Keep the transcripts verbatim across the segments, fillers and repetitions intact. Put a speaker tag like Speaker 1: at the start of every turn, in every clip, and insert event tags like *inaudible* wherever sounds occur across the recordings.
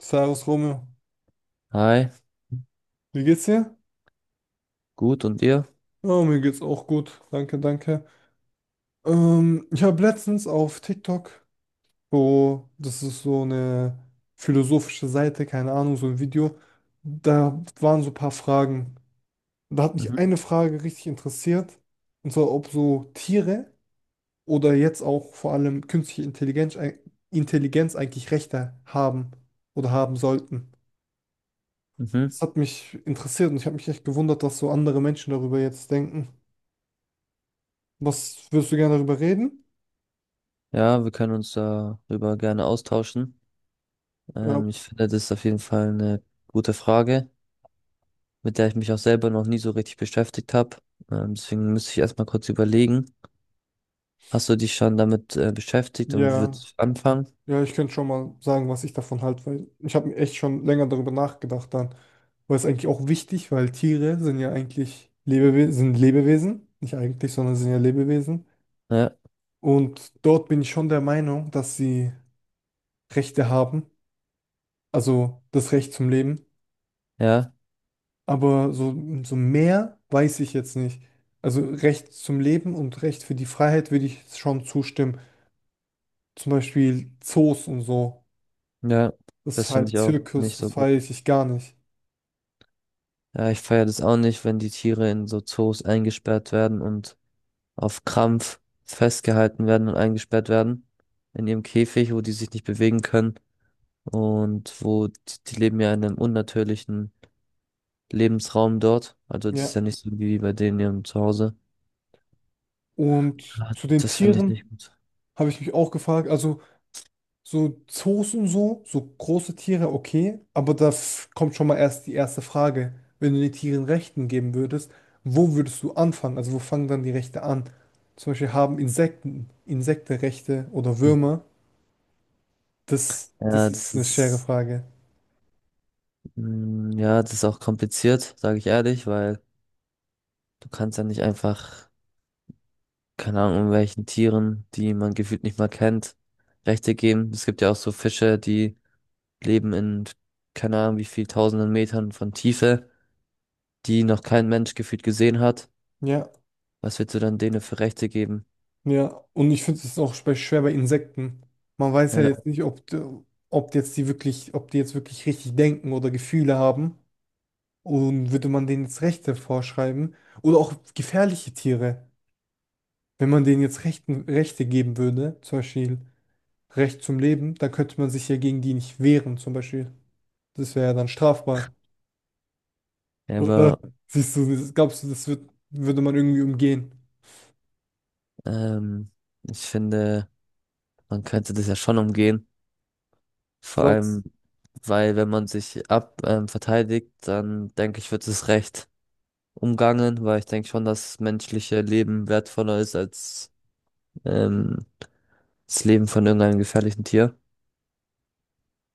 Speaker 1: Servus Romeo,
Speaker 2: Hi,
Speaker 1: wie geht's dir?
Speaker 2: gut und ihr?
Speaker 1: Ja, mir geht's auch gut, danke, danke. Ähm, ich habe letztens auf TikTok, so, das ist so eine philosophische Seite, keine Ahnung, so ein Video, da waren so ein paar Fragen. Da hat mich
Speaker 2: Mhm.
Speaker 1: eine Frage richtig interessiert, und zwar ob so Tiere oder jetzt auch vor allem künstliche Intelligenz, Intelligenz eigentlich Rechte haben oder haben sollten.
Speaker 2: Mhm.
Speaker 1: Das hat mich interessiert und ich habe mich echt gewundert, dass so andere Menschen darüber jetzt denken. Was würdest du gerne darüber reden?
Speaker 2: Ja, wir können uns darüber gerne austauschen.
Speaker 1: Ja,
Speaker 2: Ähm, ich finde, das ist auf jeden Fall eine gute Frage, mit der ich mich auch selber noch nie so richtig beschäftigt habe. Ähm, deswegen müsste ich erstmal kurz überlegen. Hast du dich schon damit äh, beschäftigt und
Speaker 1: ja,
Speaker 2: würdest anfangen?
Speaker 1: ja, ich könnte schon mal sagen, was ich davon halte, weil ich habe mir echt schon länger darüber nachgedacht dann. Weil es eigentlich auch wichtig, weil Tiere sind ja eigentlich Lebewesen, sind Lebewesen, nicht eigentlich, sondern sind ja Lebewesen.
Speaker 2: Ja,
Speaker 1: Und dort bin ich schon der Meinung, dass sie Rechte haben, also das Recht zum Leben.
Speaker 2: ja,
Speaker 1: Aber so, so mehr weiß ich jetzt nicht. Also Recht zum Leben und Recht für die Freiheit würde ich schon zustimmen. Zum Beispiel Zoos und so.
Speaker 2: ja,
Speaker 1: Das ist
Speaker 2: das finde
Speaker 1: halt
Speaker 2: ich auch nicht
Speaker 1: Zirkus, das
Speaker 2: so gut.
Speaker 1: feiere ich gar nicht.
Speaker 2: Ja, ich feiere das auch nicht, wenn die Tiere in so Zoos eingesperrt werden und auf Krampf festgehalten werden und eingesperrt werden in ihrem Käfig, wo die sich nicht bewegen können und wo die, die leben ja in einem unnatürlichen Lebensraum dort. Also das ist
Speaker 1: Ja.
Speaker 2: ja nicht so wie bei denen in ihrem Zuhause.
Speaker 1: Und
Speaker 2: Ja,
Speaker 1: zu den
Speaker 2: das finde ich nicht
Speaker 1: Tieren
Speaker 2: gut.
Speaker 1: habe ich mich auch gefragt, also so Zoos und so, so große Tiere, okay, aber da f- kommt schon mal erst die erste Frage. Wenn du den Tieren Rechten geben würdest, wo würdest du anfangen? Also wo fangen dann die Rechte an? Zum Beispiel haben Insekten, Insektenrechte oder
Speaker 2: Hm.
Speaker 1: Würmer? Das, das
Speaker 2: Ja,
Speaker 1: ist
Speaker 2: das
Speaker 1: eine schwere
Speaker 2: ist,
Speaker 1: Frage.
Speaker 2: mm, ja, das ist auch kompliziert, sage ich ehrlich, weil du kannst ja nicht einfach, keine Ahnung, welchen Tieren, die man gefühlt nicht mal kennt, Rechte geben. Es gibt ja auch so Fische, die leben in keine Ahnung wie viel tausenden Metern von Tiefe, die noch kein Mensch gefühlt gesehen hat.
Speaker 1: Ja.
Speaker 2: Was willst du dann denen für Rechte geben?
Speaker 1: Ja, und ich finde es auch spe- schwer bei Insekten. Man weiß ja jetzt
Speaker 2: Ja.
Speaker 1: nicht, ob, d- ob jetzt die wirklich, ob die jetzt wirklich richtig denken oder Gefühle haben. Und würde man denen jetzt Rechte vorschreiben? Oder auch gefährliche Tiere. Wenn man denen jetzt Rechten, Rechte geben würde, zum Beispiel Recht zum Leben, dann könnte man sich ja gegen die nicht wehren, zum Beispiel. Das wäre ja dann strafbar. Oder
Speaker 2: Aber
Speaker 1: siehst du, das- glaubst du, das wird, würde man irgendwie umgehen?
Speaker 2: ähm, ich finde, man könnte das ja schon umgehen.
Speaker 1: Du
Speaker 2: Vor
Speaker 1: sagst.
Speaker 2: allem, weil wenn man sich ab ähm, verteidigt, dann denke ich, wird es recht umgangen, weil ich denke schon, dass menschliche Leben wertvoller ist als ähm, das Leben von irgendeinem gefährlichen Tier.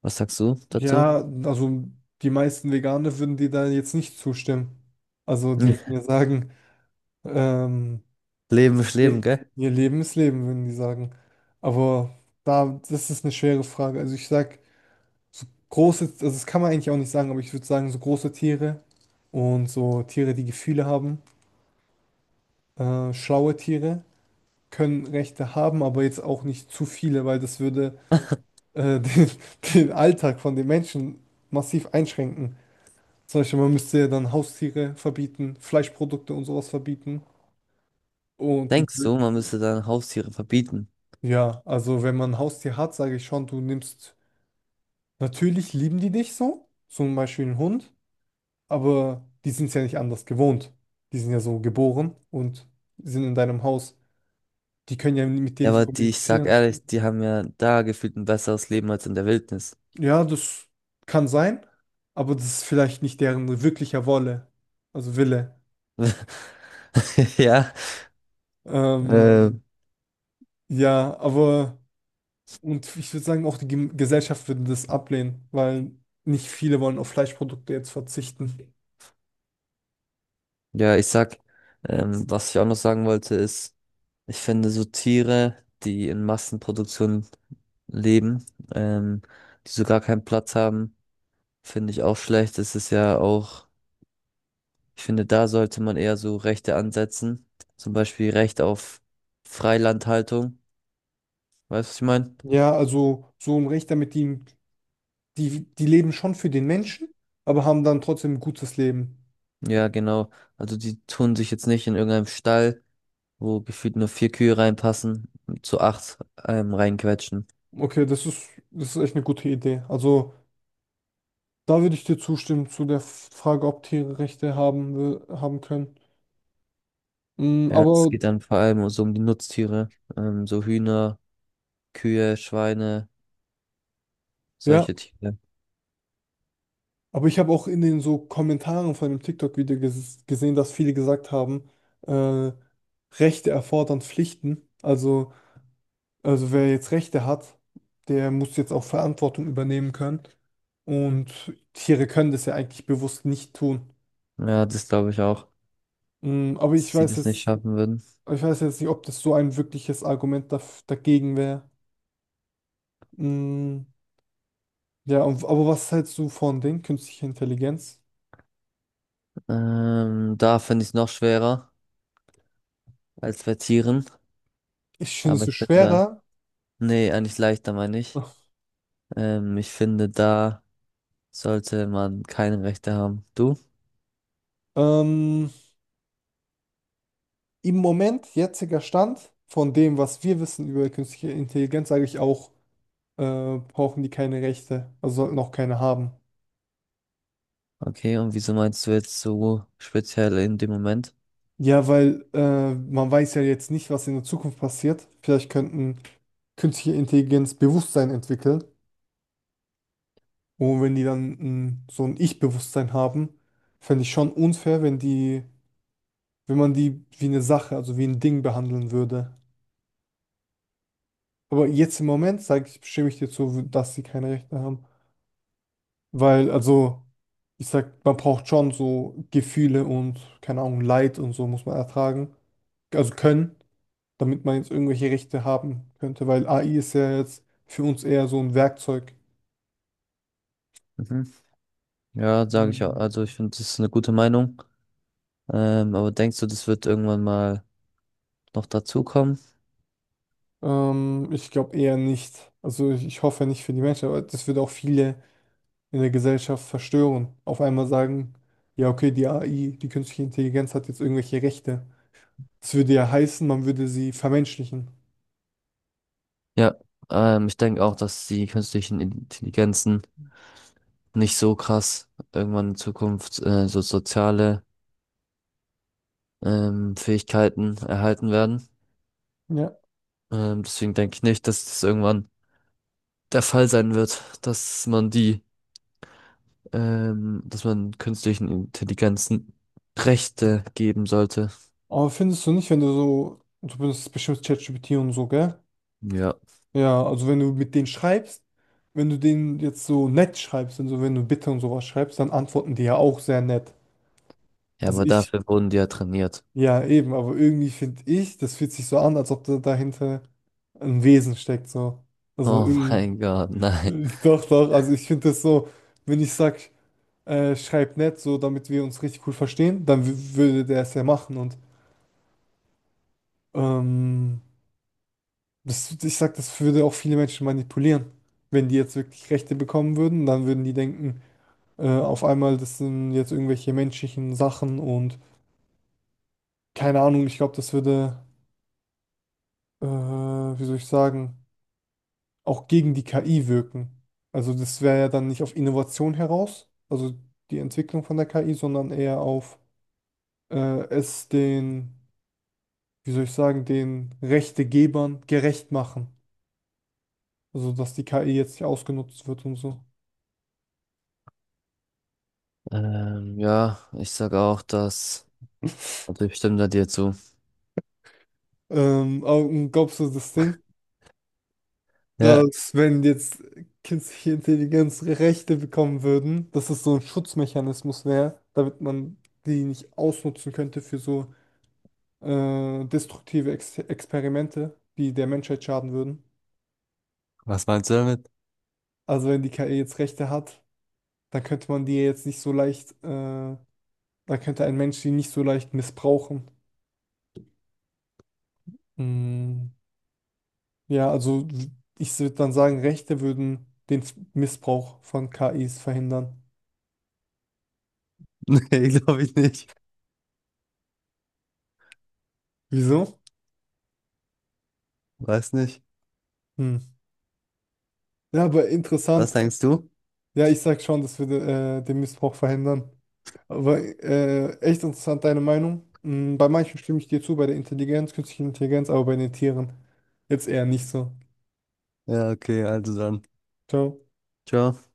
Speaker 2: Was sagst du dazu?
Speaker 1: Ja, also die meisten Veganer würden dir da jetzt nicht zustimmen. Also die würden ja
Speaker 2: *laughs*
Speaker 1: sagen, ähm,
Speaker 2: Leben ist Leben,
Speaker 1: ihr
Speaker 2: gell?
Speaker 1: ihr Leben ist Leben, würden die sagen. Aber da, das ist eine schwere Frage. Also ich sag, so große, also das kann man eigentlich auch nicht sagen, aber ich würde sagen, so große Tiere und so Tiere, die Gefühle haben, äh, schlaue Tiere können Rechte haben, aber jetzt auch nicht zu viele, weil das würde äh, *laughs* den, den Alltag von den Menschen massiv einschränken. Zum Beispiel, man müsste ja dann Haustiere verbieten, Fleischprodukte und sowas verbieten. Und die,
Speaker 2: Denkst du, man müsste dann Haustiere verbieten?
Speaker 1: ja, also wenn man ein Haustier hat, sage ich schon, du nimmst, natürlich lieben die dich so, zum Beispiel einen Hund, aber die sind es ja nicht anders gewohnt. Die sind ja so geboren und sind in deinem Haus. Die können ja mit dir
Speaker 2: Ja,
Speaker 1: nicht
Speaker 2: aber die, ich sag
Speaker 1: kommunizieren.
Speaker 2: ehrlich, die haben ja da gefühlt ein besseres Leben als in der Wildnis.
Speaker 1: Ja, das kann sein, aber das ist vielleicht nicht deren wirklicher Wolle, also Wille.
Speaker 2: *laughs* Ja,
Speaker 1: Ähm,
Speaker 2: äh,
Speaker 1: ja, aber. Und ich würde sagen, auch die Gem- Gesellschaft würde das ablehnen, weil nicht viele wollen auf Fleischprodukte jetzt verzichten.
Speaker 2: ja, ich sag, ähm, was ich auch noch sagen wollte, ist, ich finde so Tiere, die in Massenproduktion leben, ähm, die so gar keinen Platz haben, finde ich auch schlecht. Es ist ja auch, ich finde, da sollte man eher so Rechte ansetzen. Zum Beispiel Recht auf Freilandhaltung. Weißt du, was ich meine?
Speaker 1: Ja, also so ein Rechter mit ihnen, die, die leben schon für den Menschen, aber haben dann trotzdem ein gutes Leben.
Speaker 2: Ja, genau. Also die tun sich jetzt nicht in irgendeinem Stall, wo gefühlt nur vier Kühe reinpassen, zu acht ähm, reinquetschen.
Speaker 1: Okay, das ist, das ist echt eine gute Idee. Also da würde ich dir zustimmen zu der Frage, ob Tiere Rechte haben, wir- haben können. Mm,
Speaker 2: Ja, es
Speaker 1: aber
Speaker 2: geht dann vor allem so um die Nutztiere, ähm, so Hühner, Kühe, Schweine,
Speaker 1: ja.
Speaker 2: solche Tiere.
Speaker 1: Aber ich habe auch in den so Kommentaren von dem TikTok-Video ges gesehen, dass viele gesagt haben, äh, Rechte erfordern Pflichten. Also, also wer jetzt Rechte hat, der muss jetzt auch Verantwortung übernehmen können. Und Tiere können das ja eigentlich bewusst nicht tun.
Speaker 2: Ja, das glaube ich auch,
Speaker 1: Mm, aber ich
Speaker 2: dass sie
Speaker 1: weiß
Speaker 2: das nicht
Speaker 1: jetzt,
Speaker 2: schaffen würden.
Speaker 1: ich weiß jetzt nicht, ob das so ein wirkliches Argument daf dagegen wäre. Mm, ja, und, aber was hältst du von den künstlicher Intelligenz?
Speaker 2: Ähm, da finde ich es noch schwerer als bei Tieren,
Speaker 1: Ich finde es
Speaker 2: aber
Speaker 1: so
Speaker 2: ich bin da,
Speaker 1: schwerer.
Speaker 2: nee, eigentlich leichter meine ich. Ähm, ich finde, da sollte man keine Rechte haben. Du?
Speaker 1: Ähm, Im Moment, jetziger Stand, von dem, was wir wissen über künstliche Intelligenz, sage ich auch, äh, brauchen die keine Rechte, also sollten auch keine haben.
Speaker 2: Okay, und wieso meinst du jetzt so speziell in dem Moment?
Speaker 1: Ja, weil äh, man weiß ja jetzt nicht, was in der Zukunft passiert. Vielleicht könnten künstliche Intelligenz Bewusstsein entwickeln. Und wenn die dann ein, so ein Ich-Bewusstsein haben, fände ich schon unfair, wenn die, wenn man die wie eine Sache, also wie ein Ding behandeln würde. Aber jetzt im Moment, sage ich, stimme ich dir zu, dass sie keine Rechte haben. Weil, also, ich sag, man braucht schon so Gefühle und, keine Ahnung, Leid und so muss man ertragen. Also können, damit man jetzt irgendwelche Rechte haben könnte, weil A I ist ja jetzt für uns eher so ein Werkzeug.
Speaker 2: Mhm. Ja, sage ich auch.
Speaker 1: Mhm.
Speaker 2: Also ich finde, das ist eine gute Meinung. Ähm, aber denkst du, das wird irgendwann mal noch dazukommen?
Speaker 1: Ähm, ich glaube eher nicht. Also ich, ich hoffe nicht für die Menschen, aber das würde auch viele in der Gesellschaft verstören. Auf einmal sagen, ja, okay, die A I, die künstliche Intelligenz hat jetzt irgendwelche Rechte. Das würde ja heißen, man würde sie vermenschlichen.
Speaker 2: Ja, ähm, ich denke auch, dass die künstlichen Intelligenzen nicht so krass irgendwann in Zukunft äh, so soziale ähm, Fähigkeiten erhalten werden.
Speaker 1: Ja.
Speaker 2: Ähm, deswegen denke ich nicht, dass das irgendwann der Fall sein wird, dass man die, ähm, dass man künstlichen Intelligenzen Rechte geben sollte.
Speaker 1: Aber findest du nicht, wenn du so, du benutzt bestimmt ChatGPT und so, gell?
Speaker 2: Ja.
Speaker 1: Ja, also wenn du mit denen schreibst, wenn du denen jetzt so nett schreibst und so, wenn du Bitte und sowas schreibst, dann antworten die ja auch sehr nett.
Speaker 2: Ja,
Speaker 1: Also
Speaker 2: aber
Speaker 1: ich,
Speaker 2: dafür wurden die ja trainiert.
Speaker 1: ja eben, aber irgendwie finde ich, das fühlt sich so an, als ob da dahinter ein Wesen steckt, so. Also
Speaker 2: Oh
Speaker 1: irgendwie,
Speaker 2: mein Gott, *laughs* nein.
Speaker 1: *laughs* doch, doch, also ich finde das so, wenn ich sag, äh, schreib nett, so damit wir uns richtig cool verstehen, dann w- würde der es ja machen und, ähm, Das, ich sag, das würde auch viele Menschen manipulieren. Wenn die jetzt wirklich Rechte bekommen würden, dann würden die denken, äh, auf einmal, das sind jetzt irgendwelche menschlichen Sachen und keine Ahnung, ich glaube, das würde, äh, wie soll ich sagen, auch gegen die K I wirken. Also das wäre ja dann nicht auf Innovation heraus, also die Entwicklung von der K I, sondern eher auf äh, es den, wie soll ich sagen, den Rechtegebern gerecht machen. Also dass die K I jetzt nicht ausgenutzt wird und so.
Speaker 2: Ähm, ja, ich sage auch das.
Speaker 1: *laughs*
Speaker 2: Also ich stimme da dir zu.
Speaker 1: Ähm, Augen, glaubst du das Ding,
Speaker 2: Ja,
Speaker 1: dass wenn jetzt künstliche Intelligenz Rechte bekommen würden, dass es so ein Schutzmechanismus wäre, damit man die nicht ausnutzen könnte für so äh, destruktive Ex Experimente, die der Menschheit schaden würden?
Speaker 2: was meinst du damit? *laughs*
Speaker 1: Also wenn die K I jetzt Rechte hat, dann könnte man die ja jetzt nicht so leicht, äh, dann könnte ein Mensch die nicht so leicht missbrauchen. Mm, ja, also ich würde dann sagen, Rechte würden den Missbrauch von K Is verhindern.
Speaker 2: Nee, glaube ich nicht.
Speaker 1: Wieso?
Speaker 2: Weiß nicht.
Speaker 1: Hm. Ja, aber
Speaker 2: Was
Speaker 1: interessant.
Speaker 2: denkst du?
Speaker 1: Ja, ich sag schon, dass wir de, äh, den Missbrauch verhindern. Aber äh, echt interessant, deine Meinung. Hm, bei manchen stimme ich dir zu, bei der Intelligenz, künstlichen Intelligenz, aber bei den Tieren jetzt eher nicht so.
Speaker 2: Ja, okay, also dann.
Speaker 1: Ciao.
Speaker 2: Ciao.